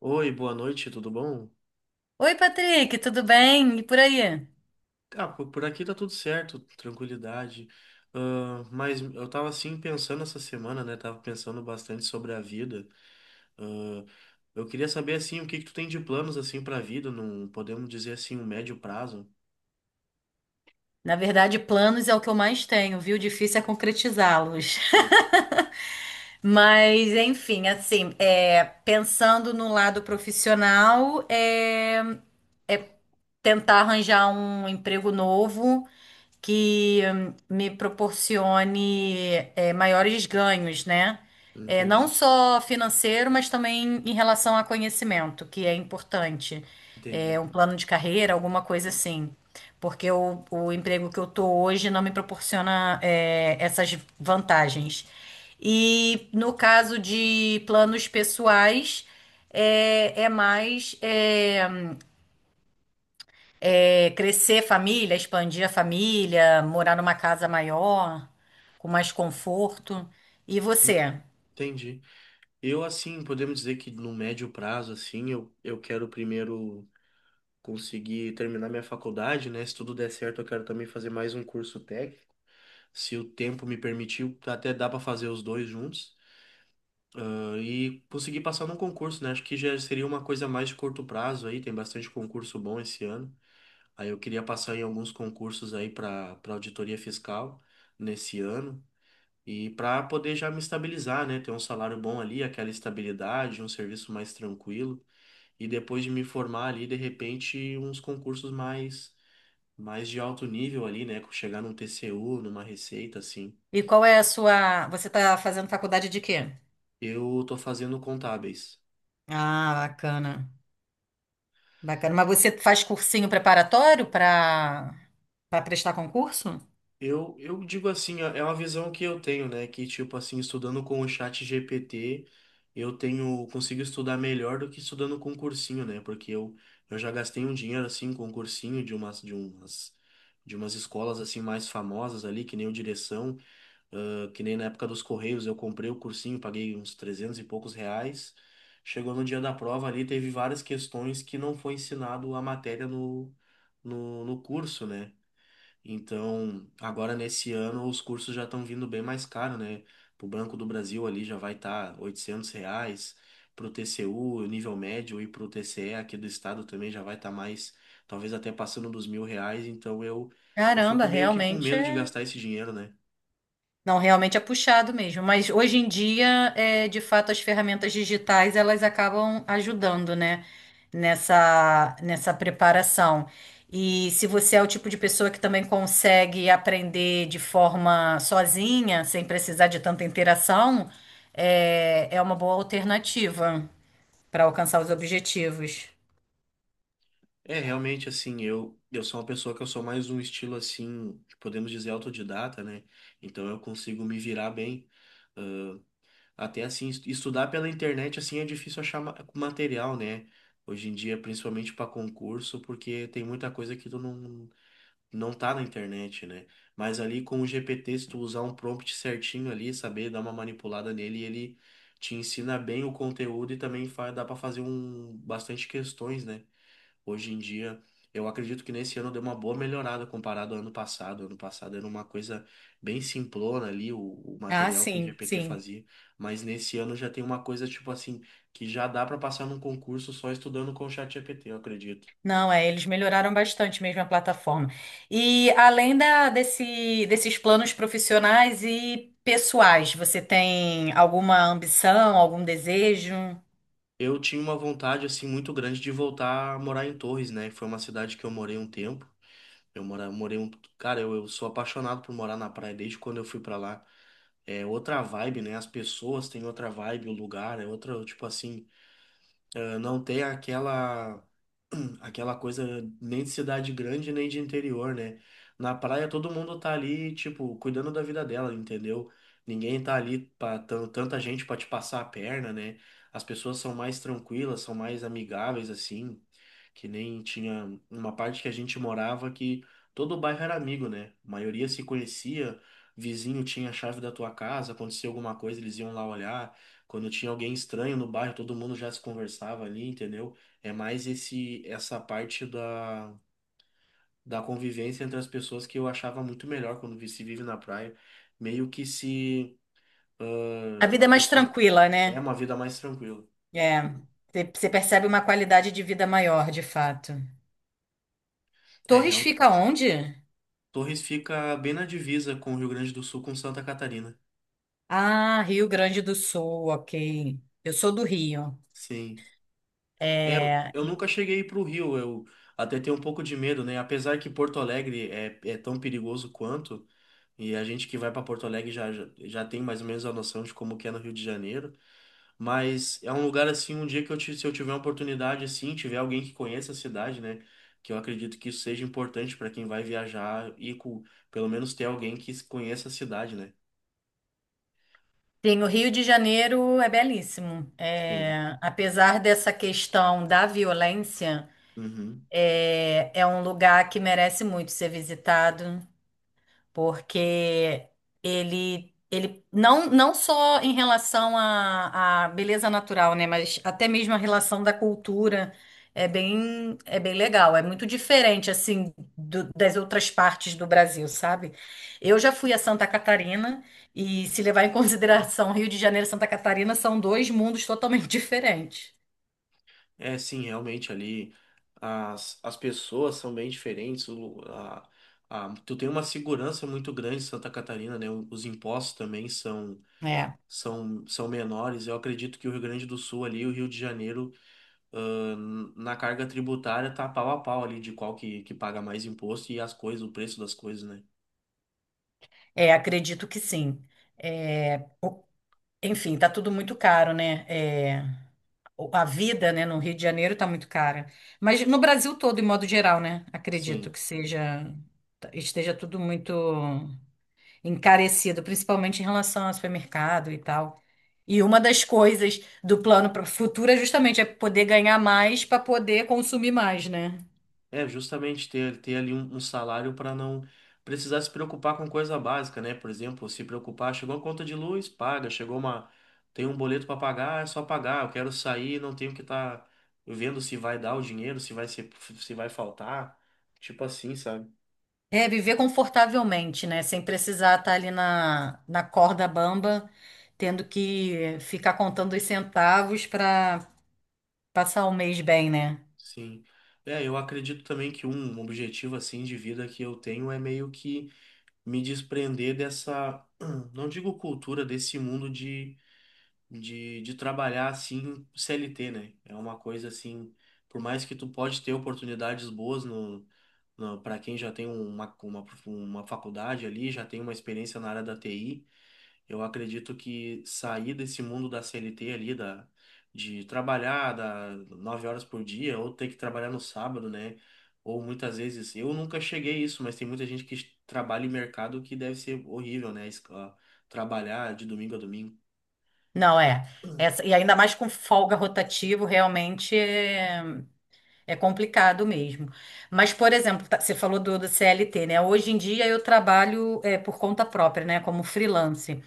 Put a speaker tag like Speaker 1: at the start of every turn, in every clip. Speaker 1: Oi, boa noite, tudo bom?
Speaker 2: Oi, Patrick, tudo bem? E por aí?
Speaker 1: Por aqui tá tudo certo, tranquilidade. Mas eu tava assim pensando essa semana, né? Tava pensando bastante sobre a vida. Ah, eu queria saber assim, o que que tu tem de planos assim para a vida. Não podemos dizer assim, um médio prazo?
Speaker 2: Na verdade, planos é o que eu mais tenho, viu? Difícil é concretizá-los.
Speaker 1: Hum.
Speaker 2: Mas, enfim, assim, pensando no lado profissional, tentar arranjar um emprego novo que me proporcione maiores ganhos, né? Não
Speaker 1: Entendi,
Speaker 2: só financeiro, mas também em relação a conhecimento, que é importante.
Speaker 1: entendi.
Speaker 2: Um plano de carreira, alguma coisa assim. Porque o emprego que eu tô hoje não me proporciona essas vantagens. E no caso de planos pessoais, é, é mais. É, crescer família, expandir a família, morar numa casa maior, com mais conforto. E você?
Speaker 1: Entendi. Eu assim, podemos dizer que no médio prazo assim, eu quero primeiro conseguir terminar minha faculdade, né? Se tudo der certo, eu quero também fazer mais um curso técnico. Se o tempo me permitir até dá para fazer os dois juntos. E conseguir passar num concurso, né? Acho que já seria uma coisa mais de curto prazo aí. Tem bastante concurso bom esse ano. Aí eu queria passar em alguns concursos aí para auditoria fiscal nesse ano. E para poder já me estabilizar, né? Ter um salário bom ali, aquela estabilidade, um serviço mais tranquilo. E depois de me formar ali, de repente, uns concursos mais, mais de alto nível ali, né? Chegar num TCU, numa receita, assim.
Speaker 2: E qual é a sua. Você está fazendo faculdade de quê?
Speaker 1: Eu tô fazendo contábeis.
Speaker 2: Ah, bacana. Bacana. Mas você faz cursinho preparatório para prestar concurso?
Speaker 1: Eu digo assim, é uma visão que eu tenho, né? Que, tipo assim, estudando com o chat GPT, eu tenho, consigo estudar melhor do que estudando com um cursinho, né? Porque eu já gastei um dinheiro, assim, com um cursinho de umas escolas, assim, mais famosas ali, que nem o Direção, que nem na época dos Correios, eu comprei o cursinho, paguei uns 300 e poucos reais. Chegou no dia da prova ali, teve várias questões que não foi ensinado a matéria no curso, né? Então, agora nesse ano os cursos já estão vindo bem mais caro, né? Pro Banco do Brasil ali já vai estar tá R$ 800, pro TCU, nível médio, e pro TCE aqui do estado também já vai estar mais, talvez até passando dos 1.000 reais, então eu
Speaker 2: Caramba,
Speaker 1: fico meio que com
Speaker 2: realmente
Speaker 1: medo de
Speaker 2: é.
Speaker 1: gastar esse dinheiro, né?
Speaker 2: Não, realmente é puxado mesmo. Mas hoje em dia, de fato, as ferramentas digitais elas acabam ajudando, né? Nessa preparação. E se você é o tipo de pessoa que também consegue aprender de forma sozinha, sem precisar de tanta interação, é uma boa alternativa para alcançar os objetivos.
Speaker 1: É, realmente, assim, eu sou uma pessoa que eu sou mais um estilo, assim, podemos dizer, autodidata, né? Então eu consigo me virar bem. Até assim, estudar pela internet assim é difícil achar material, né? Hoje em dia, principalmente para concurso, porque tem muita coisa que tu não tá na internet, né? Mas ali com o GPT, se tu usar um prompt certinho ali, saber dar uma manipulada nele, ele te ensina bem o conteúdo e também dá para fazer um bastante questões, né? Hoje em dia, eu acredito que nesse ano deu uma boa melhorada comparado ao ano passado. Ano passado era uma coisa bem simplona ali, o
Speaker 2: Ah,
Speaker 1: material que o
Speaker 2: sim,
Speaker 1: GPT
Speaker 2: sim.
Speaker 1: fazia. Mas nesse ano já tem uma coisa tipo assim, que já dá para passar num concurso só estudando com o chat GPT eu acredito.
Speaker 2: Não, eles melhoraram bastante mesmo a plataforma. E além desses planos profissionais e pessoais, você tem alguma ambição, algum desejo?
Speaker 1: Eu tinha uma vontade assim muito grande de voltar a morar em Torres, né? Foi uma cidade que eu morei um tempo. Eu morei cara, eu sou apaixonado por morar na praia desde quando eu fui para lá. É outra vibe, né? As pessoas têm outra vibe, o lugar é outra, tipo assim, não tem aquela aquela coisa nem de cidade grande nem de interior, né? Na praia todo mundo tá ali, tipo, cuidando da vida dela, entendeu? Ninguém tá ali para tanta gente pra te passar a perna, né? As pessoas são mais tranquilas, são mais amigáveis assim, que nem tinha uma parte que a gente morava que todo o bairro era amigo, né? A maioria se conhecia, vizinho tinha a chave da tua casa, acontecia alguma coisa, eles iam lá olhar. Quando tinha alguém estranho no bairro, todo mundo já se conversava ali, entendeu? É mais esse essa parte da convivência entre as pessoas que eu achava muito melhor quando se vive na praia. Meio que se
Speaker 2: A vida
Speaker 1: a
Speaker 2: é mais
Speaker 1: pessoa
Speaker 2: tranquila,
Speaker 1: é
Speaker 2: né?
Speaker 1: uma vida mais tranquila.
Speaker 2: É, você percebe uma qualidade de vida maior, de fato.
Speaker 1: É,
Speaker 2: Torres
Speaker 1: realmente.
Speaker 2: fica onde?
Speaker 1: Torres fica bem na divisa com o Rio Grande do Sul, com Santa Catarina.
Speaker 2: Ah, Rio Grande do Sul, ok. Eu sou do Rio.
Speaker 1: Sim. É, eu
Speaker 2: É,
Speaker 1: eu nunca cheguei para o Rio, eu até tenho um pouco de medo, né? Apesar que Porto Alegre é, é tão perigoso quanto. E a gente que vai para Porto Alegre já, já, já tem mais ou menos a noção de como que é no Rio de Janeiro, mas é um lugar assim, um dia que eu se eu tiver uma oportunidade assim, tiver alguém que conheça a cidade, né, que eu acredito que isso seja importante para quem vai viajar e com, pelo menos ter alguém que conheça a cidade, né?
Speaker 2: tem o Rio de Janeiro, é belíssimo.
Speaker 1: Sim.
Speaker 2: É, apesar dessa questão da violência.
Speaker 1: Uhum.
Speaker 2: É, é um lugar que merece muito ser visitado, porque ele não, não só em relação à, à beleza natural, né, mas até mesmo a relação da cultura é bem legal. É muito diferente, assim, das outras partes do Brasil, sabe? Eu já fui a Santa Catarina e, se levar em consideração Rio de Janeiro e Santa Catarina, são dois mundos totalmente diferentes.
Speaker 1: É, sim, realmente ali as pessoas são bem diferentes, a, a, tu tem uma segurança muito grande em Santa Catarina, né? Os impostos também são
Speaker 2: É,
Speaker 1: são, são menores. Eu acredito que o Rio Grande do Sul ali, o Rio de Janeiro, ah, na carga tributária tá pau a pau ali de qual que paga mais imposto e as coisas, o preço das coisas, né?
Speaker 2: acredito que sim. É, enfim, tá tudo muito caro, né? A vida, né, no Rio de Janeiro tá muito cara. Mas no Brasil todo, em modo geral, né? Acredito
Speaker 1: Sim.
Speaker 2: que seja, tá, esteja tudo muito encarecido, principalmente em relação ao supermercado e tal. E uma das coisas do plano para o futuro é justamente poder ganhar mais para poder consumir mais, né?
Speaker 1: É justamente ter ali um salário para não precisar se preocupar com coisa básica, né? Por exemplo, se preocupar, chegou a conta de luz, paga, chegou tem um boleto para pagar, é só pagar. Eu quero sair, não tenho que estar vendo se vai dar o dinheiro, se vai ser, se vai faltar, tipo assim, sabe?
Speaker 2: Viver confortavelmente, né? Sem precisar estar ali na corda bamba, tendo que ficar contando os centavos para passar um mês bem, né?
Speaker 1: Sim. É, eu acredito também que um objetivo assim de vida que eu tenho é meio que me desprender dessa, não digo cultura, desse mundo de trabalhar assim CLT, né? É uma coisa assim, por mais que tu pode ter oportunidades boas no, no, para quem já tem uma, uma faculdade ali, já tem uma experiência na área da TI, eu acredito que sair desse mundo da CLT ali, da, de trabalhar da 9 horas por dia, ou ter que trabalhar no sábado, né? Ou muitas vezes, eu nunca cheguei a isso, mas tem muita gente que trabalha em mercado que deve ser horrível, né? Trabalhar de domingo a domingo.
Speaker 2: Não, é. Essa, e ainda mais com folga rotativo, realmente é complicado mesmo. Mas, por exemplo, você falou do CLT, né? Hoje em dia eu trabalho por conta própria, né? Como freelance.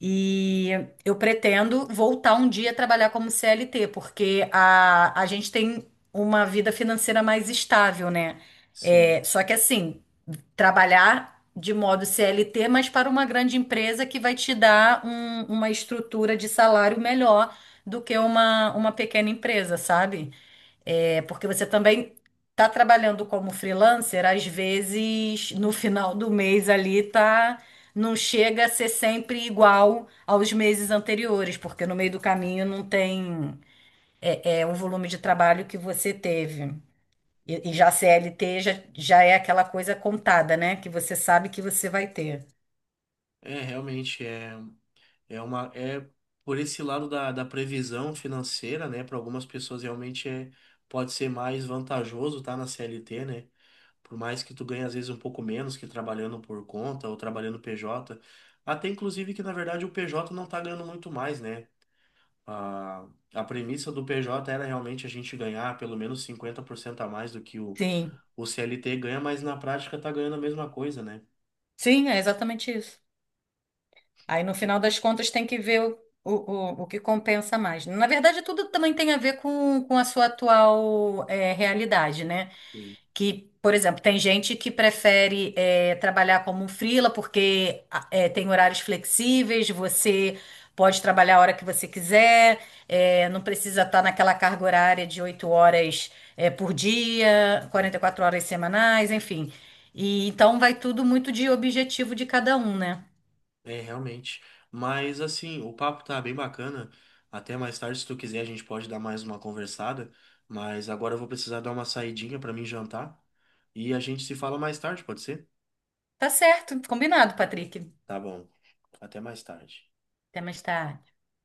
Speaker 2: E eu pretendo voltar um dia a trabalhar como CLT, porque a gente tem uma vida financeira mais estável, né?
Speaker 1: Sim.
Speaker 2: Só que assim. Trabalhar de modo CLT, mas para uma grande empresa que vai te dar uma estrutura de salário melhor do que uma pequena empresa, sabe? Porque você também está trabalhando como freelancer, às vezes no final do mês ali tá. Não chega a ser sempre igual aos meses anteriores, porque no meio do caminho não tem o volume de trabalho que você teve. Já CLT já, já é aquela coisa contada, né? Que você sabe que você vai ter.
Speaker 1: É, realmente, é, é uma. É por esse lado da, da previsão financeira, né? Para algumas pessoas realmente é, pode ser mais vantajoso estar na CLT, né? Por mais que tu ganhe às vezes um pouco menos que trabalhando por conta ou trabalhando PJ, até inclusive que na verdade o PJ não tá ganhando muito mais, né? A, a premissa do PJ era realmente a gente ganhar pelo menos 50% a mais do que
Speaker 2: Sim,
Speaker 1: o CLT ganha, mas na prática tá ganhando a mesma coisa, né?
Speaker 2: sim, é exatamente isso. Aí no final das contas tem que ver o, o que compensa mais. Na verdade, tudo também tem a ver com a sua atual realidade, né?
Speaker 1: Sim.
Speaker 2: Que, por exemplo, tem gente que prefere trabalhar como um freela porque tem horários flexíveis, você pode trabalhar a hora que você quiser, não precisa estar naquela carga horária de 8 horas por dia, 44 horas semanais, enfim. E então vai tudo muito de objetivo de cada um, né?
Speaker 1: É, realmente. Mas assim, o papo tá bem bacana. Até mais tarde, se tu quiser, a gente pode dar mais uma conversada. Mas agora eu vou precisar dar uma saidinha pra mim jantar. E a gente se fala mais tarde, pode ser?
Speaker 2: Tá certo, combinado, Patrick.
Speaker 1: Tá bom. Até mais tarde.
Speaker 2: Até mais tarde.